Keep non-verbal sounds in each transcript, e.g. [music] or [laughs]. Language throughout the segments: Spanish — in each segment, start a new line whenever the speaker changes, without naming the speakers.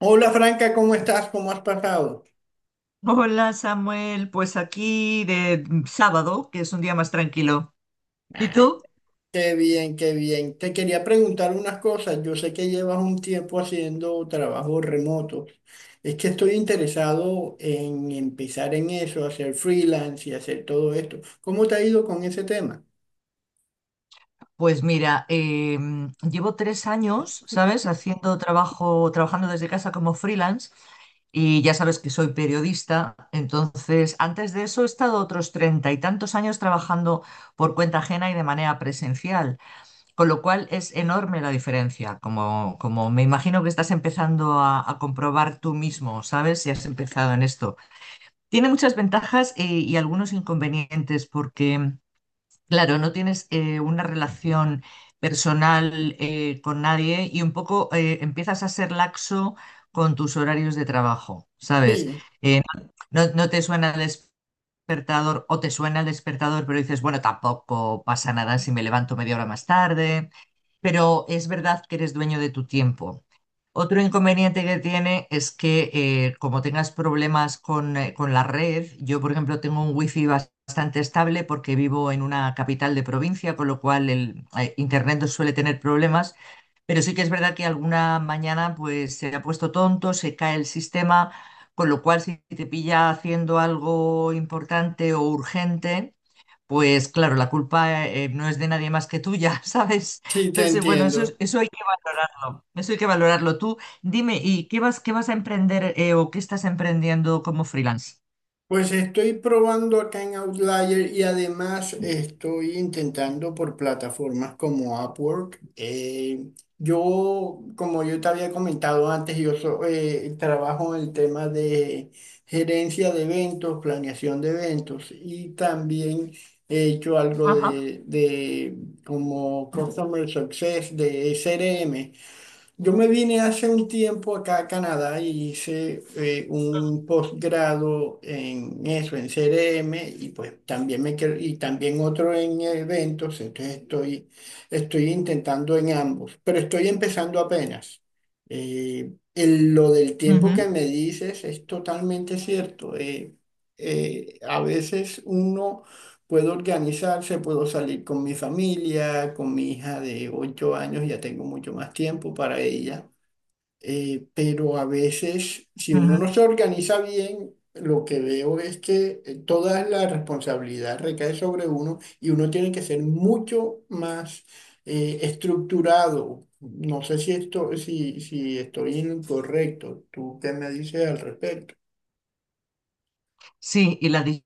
Hola Franca, ¿cómo estás? ¿Cómo has pasado?
Hola Samuel, pues aquí de sábado, que es un día más tranquilo. ¿Y
Ay,
tú?
qué bien, qué bien. Te quería preguntar unas cosas. Yo sé que llevas un tiempo haciendo trabajos remotos. Es que estoy interesado en empezar en eso, hacer freelance y hacer todo esto. ¿Cómo te ha ido con ese tema?
Pues mira, llevo 3 años, ¿sabes? Haciendo trabajando desde casa como freelance, y ya sabes que soy periodista. Entonces, antes de eso he estado otros 30 y tantos años trabajando por cuenta ajena y de manera presencial, con lo cual es enorme la diferencia, como me imagino que estás empezando a comprobar tú mismo, ¿sabes? Si has empezado en esto. Tiene muchas ventajas y algunos inconvenientes porque, claro, no tienes, una relación personal, con nadie, y un poco empiezas a ser laxo con tus horarios de trabajo, ¿sabes?
Sí,
Eh, no te suena el despertador, o te suena el despertador, pero dices, bueno, tampoco pasa nada si me levanto 1/2 hora más tarde, pero es verdad que eres dueño de tu tiempo. Otro inconveniente que tiene es que, como tengas problemas con la red. Yo, por ejemplo, tengo un wifi bastante estable porque vivo en una capital de provincia, con lo cual el, internet no suele tener problemas, pero sí que es verdad que alguna mañana pues se ha puesto tonto, se cae el sistema, con lo cual, si te pilla haciendo algo importante o urgente, pues claro, la culpa, no es de nadie más que tuya, [laughs] ¿sabes?
sí, te
Entonces, bueno, eso,
entiendo.
eso hay que valorarlo, eso hay que valorarlo. Tú dime, ¿y qué vas a emprender, o qué estás emprendiendo como freelance?
Pues estoy probando acá en Outlier y además estoy intentando por plataformas como Upwork. Yo, como yo te había comentado antes, trabajo en el tema de gerencia de eventos, planeación de eventos y también he hecho algo
Ajá.
de como Customer Success de CRM. Yo me vine hace un tiempo acá a Canadá y hice un posgrado en eso, en CRM, y pues también y también otro en eventos, entonces estoy intentando en ambos, pero estoy empezando apenas. Lo del tiempo que
Ujú,
me dices es totalmente cierto. A veces uno puedo organizarse, puedo salir con mi familia, con mi hija de 8 años, ya tengo mucho más tiempo para ella. Pero a veces, si uno
ujú.
no se organiza bien, lo que veo es que toda la responsabilidad recae sobre uno y uno tiene que ser mucho más estructurado. No sé si esto, si estoy incorrecto. ¿Tú qué me dices al respecto?
Sí, y la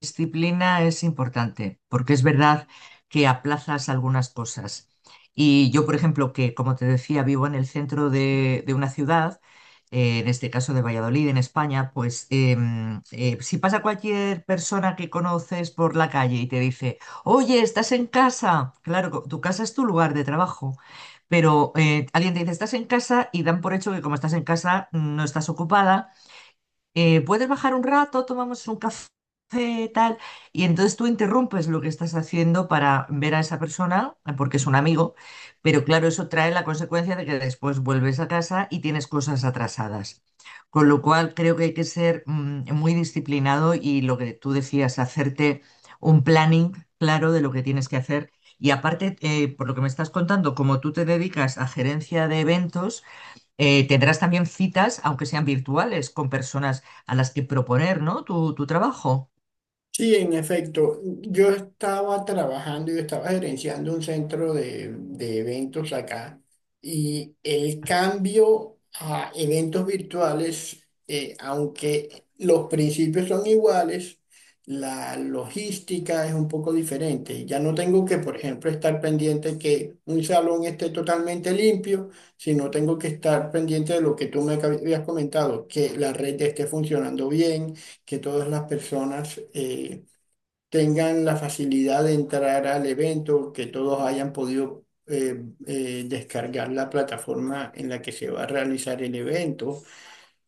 disciplina es importante, porque es verdad que aplazas algunas cosas. Y yo, por ejemplo, que como te decía, vivo en el centro de una ciudad, en este caso de Valladolid, en España, pues si pasa cualquier persona que conoces por la calle y te dice, oye, estás en casa, claro, tu casa es tu lugar de trabajo. Pero, alguien te dice, estás en casa y dan por hecho que, como estás en casa, no estás ocupada, puedes bajar un rato, tomamos un café, tal, y entonces tú interrumpes lo que estás haciendo para ver a esa persona, porque es un amigo, pero claro, eso trae la consecuencia de que después vuelves a casa y tienes cosas atrasadas. Con lo cual, creo que hay que ser, muy disciplinado, y lo que tú decías, hacerte un planning claro de lo que tienes que hacer. Y aparte, por lo que me estás contando, como tú te dedicas a gerencia de eventos, tendrás también citas, aunque sean virtuales, con personas a las que proponer, ¿no? Tu trabajo.
Sí, en efecto, yo estaba trabajando, yo estaba gerenciando un centro de eventos acá y el cambio a eventos virtuales, aunque los principios son iguales, la logística es un poco diferente. Ya no tengo que, por ejemplo, estar pendiente que un salón esté totalmente limpio, sino tengo que estar pendiente de lo que tú me habías comentado, que la red esté funcionando bien, que todas las personas tengan la facilidad de entrar al evento, que todos hayan podido descargar la plataforma en la que se va a realizar el evento,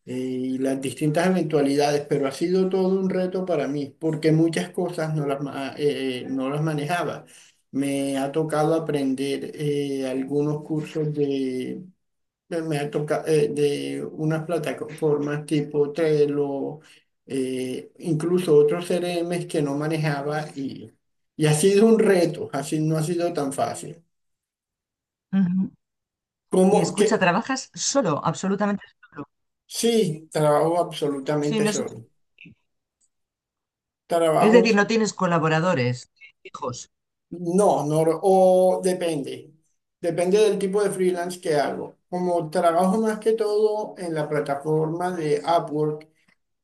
y las distintas eventualidades, pero ha sido todo un reto para mí, porque muchas cosas no las manejaba. Me ha tocado aprender algunos cursos me ha tocado de unas plataformas tipo Trello, incluso otros CRMs que no manejaba y ha sido un reto, así no ha sido tan fácil.
Ujú. Y
Como que
escucha, trabajas solo, absolutamente solo.
sí, trabajo
Sí,
absolutamente
no es,
solo.
es decir,
Trabajos,
no tienes colaboradores fijos.
no, no, o depende. Depende del tipo de freelance que hago. Como trabajo más que todo en la plataforma de Upwork,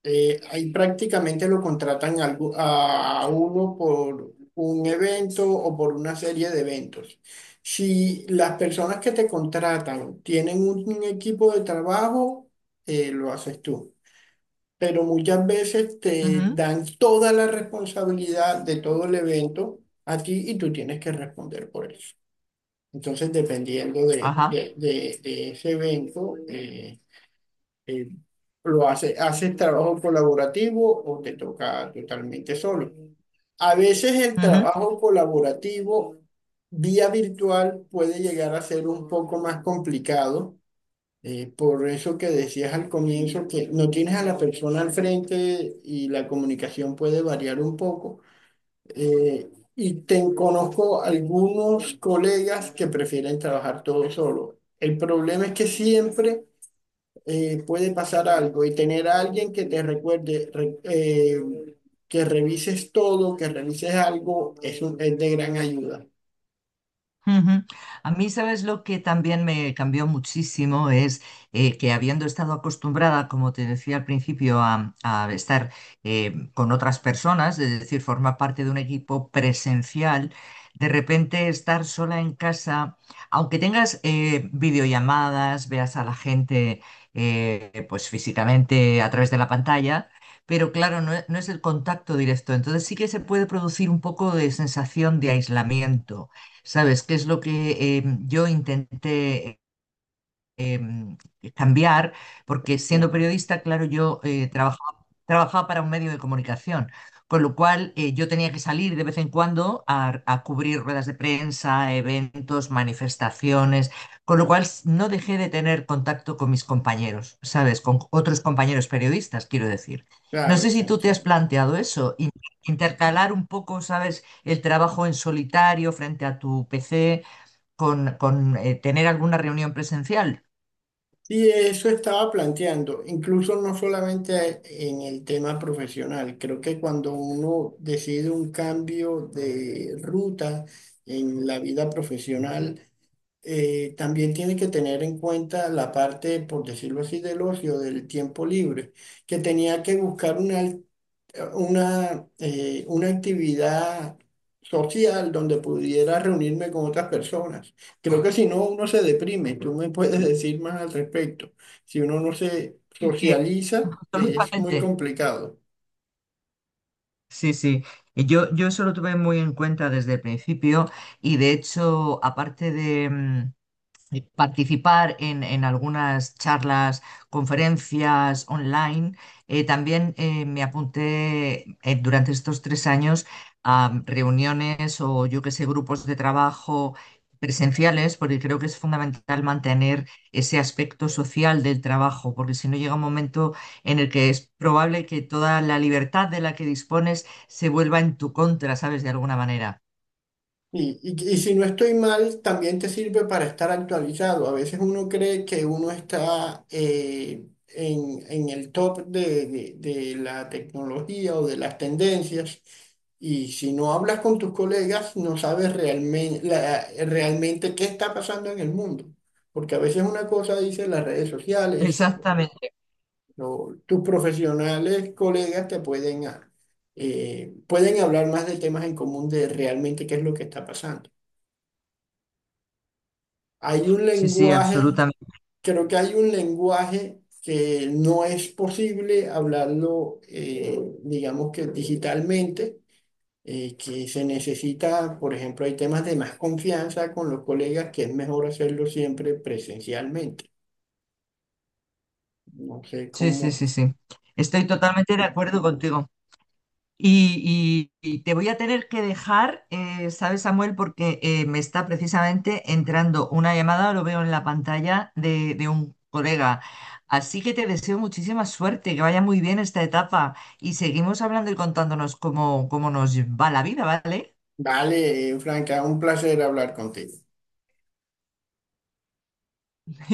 Ahí prácticamente lo contratan a uno por un evento o por una serie de eventos. Si las personas que te contratan tienen un equipo de trabajo, lo haces tú. Pero muchas veces te
Ujú.
dan toda la responsabilidad de todo el evento a ti y tú tienes que responder por eso. Entonces, dependiendo
Ajá.
de ese evento, eh, lo hace, haces trabajo colaborativo o te toca totalmente solo. A veces el
Ujú.
trabajo colaborativo vía virtual puede llegar a ser un poco más complicado. Por eso que decías al comienzo que no tienes a la persona al frente y la comunicación puede variar un poco. Y te conozco algunos colegas que prefieren trabajar todo solo. El problema es que siempre puede pasar algo y tener a alguien que te recuerde, que revises todo, que revises algo, es, es de gran ayuda.
Ujú. A mí, ¿sabes lo que también me cambió muchísimo? Es, que habiendo estado acostumbrada, como te decía al principio, a estar, con otras personas, es decir, formar parte de un equipo presencial, de repente estar sola en casa, aunque tengas, videollamadas, veas a la gente, pues físicamente a través de la pantalla. Pero claro, no es el contacto directo, entonces sí que se puede producir un poco de sensación de aislamiento. ¿Sabes? ¿Qué es lo que, yo intenté, em, cambiar? Porque, siendo
Entiendo.
periodista, claro, yo, trabajaba para un medio de comunicación, con lo cual, yo tenía que salir de vez en cuando a cubrir ruedas de prensa, eventos, manifestaciones, con lo cual no dejé de tener contacto con mis compañeros, ¿sabes? Con otros compañeros periodistas, quiero decir. No
Claro,
sé
te
si tú te has
entiendo.
planteado eso, intercalar un poco, ¿sabes? El trabajo en solitario frente a tu PC con tener alguna reunión presencial.
Y eso estaba planteando, incluso no solamente en el tema profesional, creo que cuando uno decide un cambio de ruta en la vida profesional, también tiene que tener en cuenta la parte, por decirlo así, del ocio, del tiempo libre, que tenía que buscar una actividad social donde pudiera reunirme con otras personas. Creo que si no, uno se deprime. Tú me puedes decir más al respecto. Si uno no se
Sí,
socializa, es muy
absolutamente.
complicado.
Sí, sí. Yo eso lo tuve muy en cuenta desde el principio, y de hecho, aparte de, participar en algunas charlas, conferencias online. También, me apunté, durante estos 3 años, a reuniones, o yo que sé, grupos de trabajo presenciales, porque creo que es fundamental mantener ese aspecto social del trabajo, porque si no llega un momento en el que es probable que toda la libertad de la que dispones se vuelva en tu contra, ¿sabes? De alguna manera.
Y si no estoy mal, también te sirve para estar actualizado. A veces uno cree que uno está en el top de la tecnología o de las tendencias. Y si no hablas con tus colegas, no sabes realmente qué está pasando en el mundo. Porque a veces una cosa dice las redes sociales,
Exactamente.
o tus profesionales, colegas te pueden, pueden hablar más de temas en común de realmente qué es lo que está pasando. Hay un
Sí, sí,
lenguaje,
absolutamente.
creo que hay un lenguaje que no es posible hablarlo, digamos que digitalmente, que se necesita, por ejemplo, hay temas de más confianza con los colegas que es mejor hacerlo siempre presencialmente. No sé
Sí, sí,
cómo.
sí, sí. Estoy totalmente de acuerdo contigo. Y te voy a tener que dejar, ¿sabes, Samuel? Porque, me está precisamente entrando una llamada, lo veo en la pantalla de un colega. Así que te deseo muchísima suerte, que vaya muy bien esta etapa, y seguimos hablando y contándonos cómo nos va la vida, ¿vale?
Vale, Franca, un placer hablar contigo.
[laughs]